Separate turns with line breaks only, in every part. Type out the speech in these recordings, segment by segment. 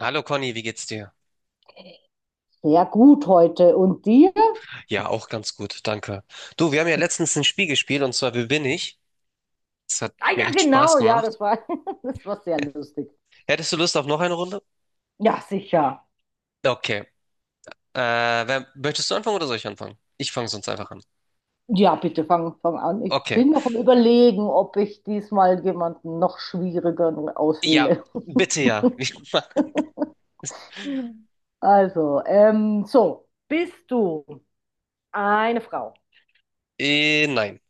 Hallo Conny, wie geht's dir?
Sehr gut heute. Und dir?
Ja, auch ganz gut, danke. Du, wir haben ja letztens ein Spiel gespielt, und zwar Wer bin ich? Das hat
Ah
mir
ja,
echt Spaß
genau, ja,
gemacht.
das war, das war sehr lustig.
Hättest du Lust auf noch eine Runde?
Ja, sicher.
Okay. Äh, Möchtest du anfangen oder soll ich anfangen? Ich fange sonst einfach an.
Ja, bitte fang an. Ich
Okay.
bin noch am Überlegen, ob ich diesmal jemanden noch schwieriger
Ja,
auswähle.
bitte ja.
Also, so, bist du eine Frau?
Nein.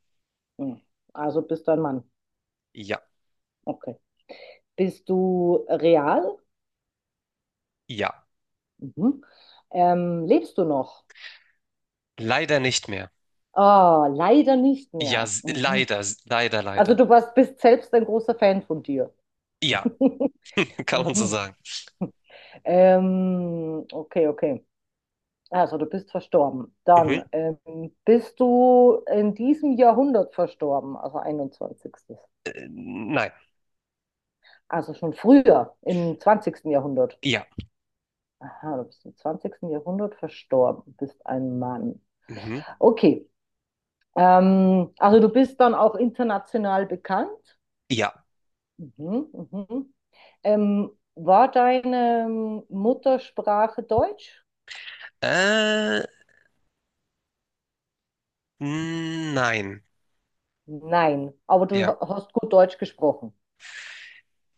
Hm. Also bist du ein Mann.
Ja,
Okay. Bist du real?
ja.
Mhm. Lebst du noch?
Leider nicht mehr.
Ah, leider nicht
Ja,
mehr. Mhm.
leider, leider,
Also
leider.
du warst, bist selbst ein großer Fan von dir.
Ja, kann man so
Mhm.
sagen.
Okay, okay. Also du bist verstorben.
Mhm.
Dann bist du in diesem Jahrhundert verstorben, also einundzwanzigstes.
Nein.
Also schon früher, im zwanzigsten Jahrhundert.
Ja.
Aha, du bist im zwanzigsten Jahrhundert verstorben, bist ein Mann.
Mhm.
Okay. Also du bist dann auch international bekannt.
Ja.
Mhm, mhm. War deine Muttersprache Deutsch?
Äh, nein.
Nein, aber du
Ja.
hast gut Deutsch gesprochen.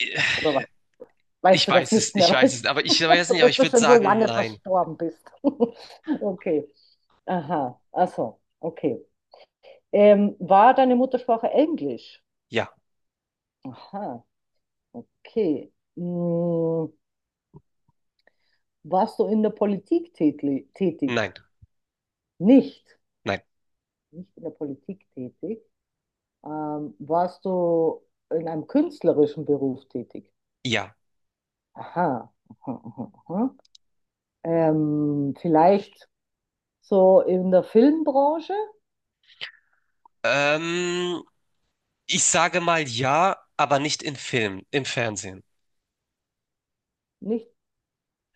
Äh,
Oder
Ich
weißt du das
weiß es,
nicht
ich
mehr,
weiß es,
weißt
aber ich
du,
weiß
so,
nicht, aber
bis
ich
du
würde
schon so
sagen,
lange
nein.
verstorben bist? Okay. Aha, ach so, okay. War deine Muttersprache Englisch?
Ja,
Aha, okay. Hm, warst du in der Politik tätig?
nein,
Nicht.
nein,
Nicht in der Politik tätig. Warst du in einem künstlerischen Beruf tätig?
ja.
Aha, aha, aha, aha. Vielleicht so in der Filmbranche?
Ähm, Ich sage mal ja, aber nicht in Filmen, im Fernsehen.
Nicht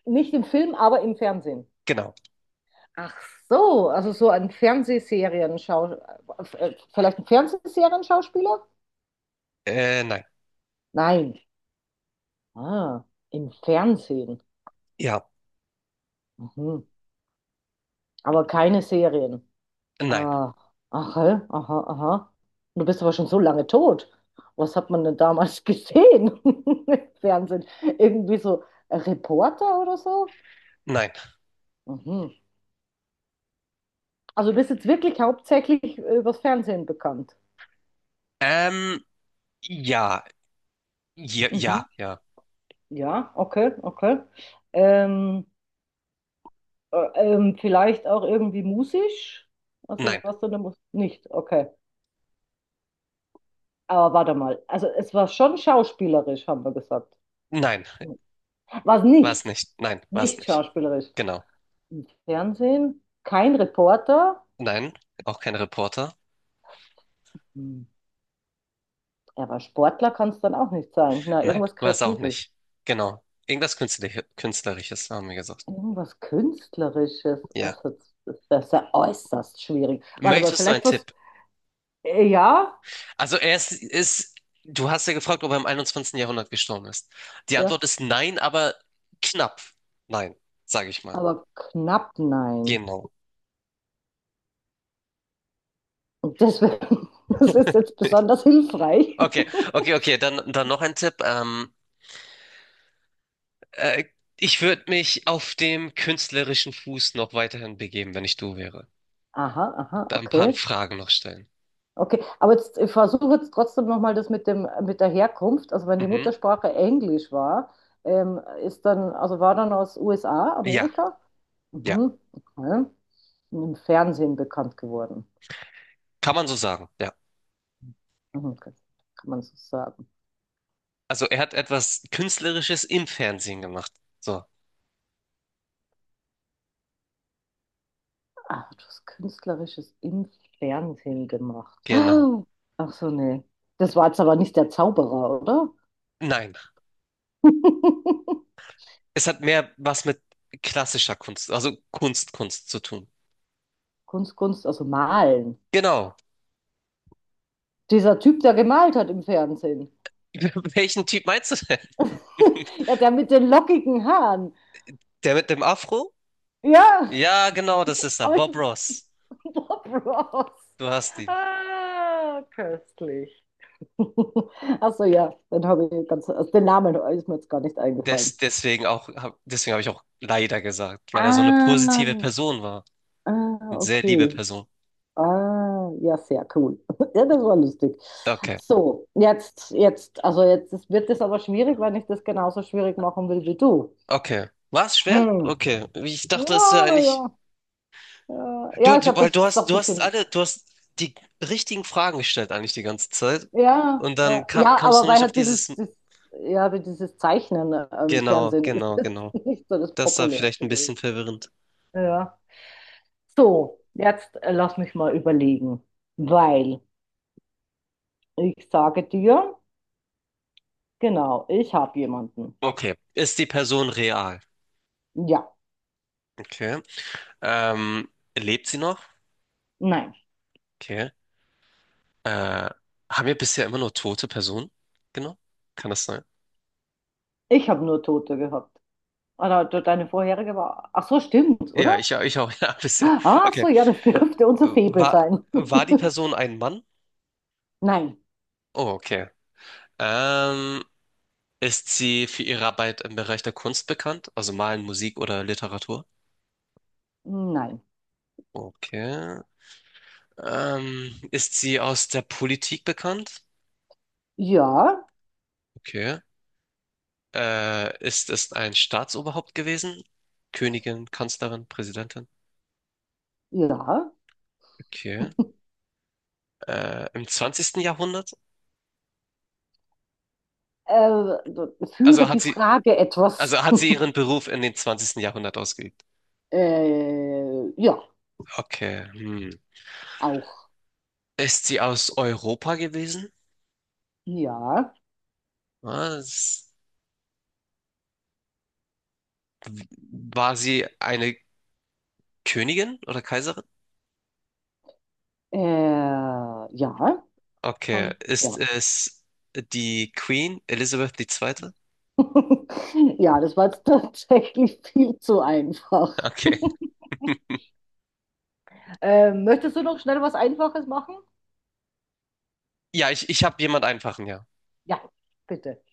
Nicht im Film, aber im Fernsehen.
Genau.
Ach so, also so ein Fernsehserien-Schauspieler? Vielleicht ein Fernsehserienschauspieler?
Nein.
Nein. Ah, im Fernsehen.
Ja,
Mhm. Aber keine Serien.
nein,
Ah, aha, aha, aha. Du bist aber schon so lange tot. Was hat man denn damals gesehen im Fernsehen? Irgendwie so Reporter oder so?
nein.
Mhm. Also du bist jetzt wirklich hauptsächlich übers Fernsehen bekannt.
Ähm, ja, ja,
Mhm.
ja, ja.
Ja, okay, okay. Ähm, Vielleicht auch irgendwie musisch? Also
Nein,
was denn da muss? Nicht, okay. Aber warte mal. Also es war schon schauspielerisch, haben wir gesagt.
nein,
Was
war es
nicht?
nicht. Nein, war es
Nicht
nicht.
schauspielerisch.
Genau.
Im Fernsehen? Kein Reporter?
Nein, auch kein Reporter.
Hm. Ja, aber Sportler kann es dann auch nicht sein. Na,
Nein,
irgendwas
war es auch
Kreatives.
nicht. Genau. Irgendwas Künstler Künstlerisches, haben wir gesagt.
Irgendwas Künstlerisches.
Ja.
Also das das ist ja äußerst schwierig. Warte mal,
Möchtest du einen
vielleicht was.
Tipp?
Ja,
Also du hast ja gefragt, ob er im einundzwanzigsten Jahrhundert gestorben ist. Die Antwort
ja,
ist nein, aber knapp. Nein, sage ich mal.
aber knapp nein.
Genau.
Und deswegen, das ist jetzt besonders hilfreich.
Okay, okay, okay. Dann noch ein Tipp. Äh, Ich würde mich auf dem künstlerischen Fuß noch weiterhin begeben, wenn ich du wäre.
Aha, aha,
Da ein paar
okay.
Fragen noch stellen.
Okay, aber jetzt, ich versuche jetzt trotzdem nochmal das mit dem, mit der Herkunft. Also wenn die
Mhm.
Muttersprache Englisch war, ist dann, also war dann aus USA,
Ja,
Amerika?
ja.
Mhm, okay. Und im Fernsehen bekannt geworden.
Kann man so sagen, ja.
Mhm, okay. Kann man so sagen.
Also er hat etwas Künstlerisches im Fernsehen gemacht. So,
Ah, du hast Künstlerisches im Fernsehen gemacht.
genau.
Ach so, nee. Das war jetzt aber nicht der Zauberer, oder?
Nein, es hat mehr was mit klassischer Kunst, also Kunst, Kunst zu tun.
Kunst, Kunst, also malen.
Genau.
Dieser Typ, der gemalt hat im Fernsehen.
Welchen Typ meinst du denn?
Ja, der mit den lockigen Haaren.
Der mit dem Afro?
Ja,
Ja, genau, das ist er.
aber ich
Bob
bin
Ross.
Bob Ross.
Du hast ihn.
Ah, köstlich. Achso, ja, dann habe ich ganz, also den Namen ist mir jetzt gar nicht eingefallen.
Deswegen habe ich auch leider gesagt, weil er so eine
Ah,
positive Person war.
ah,
Eine sehr liebe
okay.
Person.
Ah, ja, sehr cool. Ja, das war lustig.
Okay.
So, jetzt, jetzt, also jetzt wird es aber schwierig, wenn ich das genauso schwierig machen will wie du.
Okay. War es schwer?
Hm.
Okay. Ich dachte, es wäre
Ja, na
eigentlich.
ja. Ja, ja, ich
Weil
habe jetzt auch ein
du hast
bisschen.
alle, du hast die richtigen Fragen gestellt eigentlich die ganze Zeit.
Ja,
Und dann
ja, ja,
kamst du
aber
nur
weil
nicht auf
halt dieses,
dieses.
das, ja, wie dieses Zeichnen im
Genau,
Fernsehen ist
genau,
das
genau.
nicht so das
Das war vielleicht
populärste
ein bisschen
gewesen.
verwirrend.
Ja. So, jetzt lass mich mal überlegen, weil ich sage dir, genau, ich habe jemanden.
Okay. Ist die Person real?
Ja,
Okay. Ähm, Lebt sie noch?
nein,
Okay. Äh, Haben wir bisher immer nur tote Personen? Genau. Kann das sein?
ich habe nur Tote gehabt. Oder deine vorherige war. Ach so, stimmt, oder?
Ja, ich auch, ja, bisher.
Ah, so,
Okay.
ja, das dürfte unser Faible sein.
War die Person ein Mann?
Nein,
Oh, okay. Ähm, Ist sie für ihre Arbeit im Bereich der Kunst bekannt? Also Malen, Musik oder Literatur?
nein.
Okay. Ist sie aus der Politik bekannt?
Ja,
Okay. Ist es ein Staatsoberhaupt gewesen? Königin, Kanzlerin, Präsidentin?
ja,
Okay. Im zwanzigsten Jahrhundert?
Äh, führe
Also
die
hat sie,
Frage etwas.
also hat sie ihren Beruf in den zwanzigsten Jahrhundert ausgeübt.
Ja,
Okay. Hm.
auch.
Ist sie aus Europa gewesen?
Ja.
Was? War sie eine Königin oder Kaiserin?
Ja.
Okay. Ist
Ja.
es die Queen Elizabeth II.?
Ja, das war jetzt tatsächlich viel zu einfach.
Okay.
Möchtest du noch schnell was Einfaches machen?
Ich habe jemand einfachen, ja.
Ja, bitte.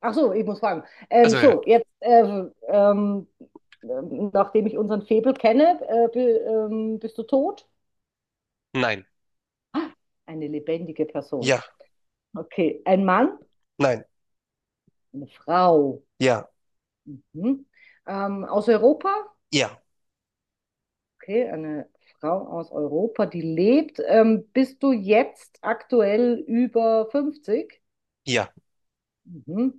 Ach so, ich muss fragen. Ähm,
Also ja.
so, jetzt, ähm, ähm, ähm, nachdem ich unseren Febel kenne, bist du tot?
Nein.
Eine lebendige Person.
Ja,
Okay, ein Mann,
nein,
eine Frau.
ja,
Mhm. Aus Europa?
ja,
Okay, eine Frau aus Europa, die lebt. Bist du jetzt aktuell über 50?
ja.
Mhm.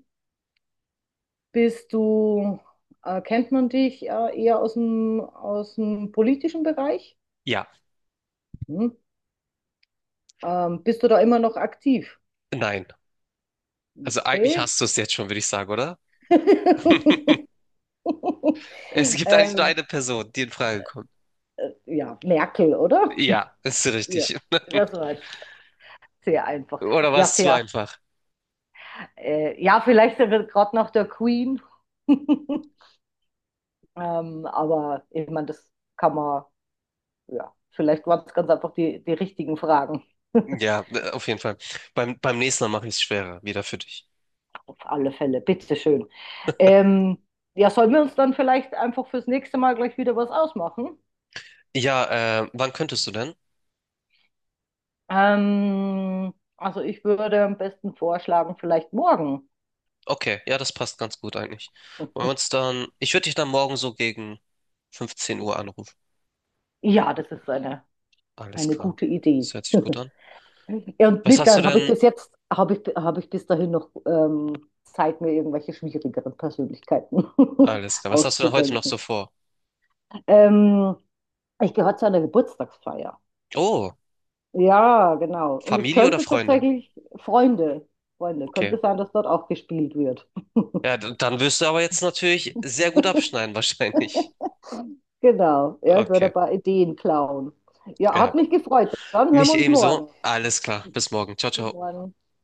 Bist du, Kennt man dich eher aus dem politischen Bereich?
Ja,
Mhm. Bist du da immer noch aktiv?
nein. Also eigentlich
Okay.
hast du es jetzt schon, würde ich sagen, oder? Es gibt eigentlich nur
ähm,
eine Person, die in Frage kommt.
ja, Merkel, oder?
Ja, ist
Ja,
richtig.
das war jetzt sehr einfach.
Oder war
Ja,
es zu
sehr.
einfach?
Ja, vielleicht wird gerade nach der Queen. Aber ich meine, das kann man, ja, vielleicht waren es ganz einfach die richtigen Fragen.
Ja, auf jeden Fall. Beim nächsten Mal mache ich es schwerer, wieder für dich.
Auf alle Fälle, bitteschön. Ähm, ja, sollen wir uns dann vielleicht einfach fürs nächste Mal gleich wieder was ausmachen?
Ja, wann könntest du denn?
Also ich würde am besten vorschlagen, vielleicht morgen.
Okay, ja, das passt ganz gut eigentlich. Wollen wir uns dann, ich würde dich dann morgen so gegen 15 Uhr anrufen.
Ja, das ist
Alles
eine
klar.
gute Idee.
Das hört sich gut an.
Ja, und
Was hast du
Littern habe ich
denn?
bis jetzt, habe ich bis dahin noch Zeit, mir irgendwelche schwierigeren Persönlichkeiten
Alles klar. Was hast du denn heute noch
auszudenken.
so vor?
Ähm, Ich gehöre zu einer Geburtstagsfeier.
Oh,
Ja, genau. Und es
Familie oder
könnte
Freunde?
tatsächlich Freunde, Freunde,
Okay.
könnte sein, dass dort auch gespielt wird.
Ja, dann wirst du aber jetzt natürlich sehr gut abschneiden, wahrscheinlich.
Genau. Ja, ich werde
Okay,
ein paar Ideen klauen. Ja,
ja.
hat mich gefreut. Dann hören wir
Mich
uns morgen.
ebenso. Alles klar. Bis morgen. Ciao,
Bis
ciao.
morgen.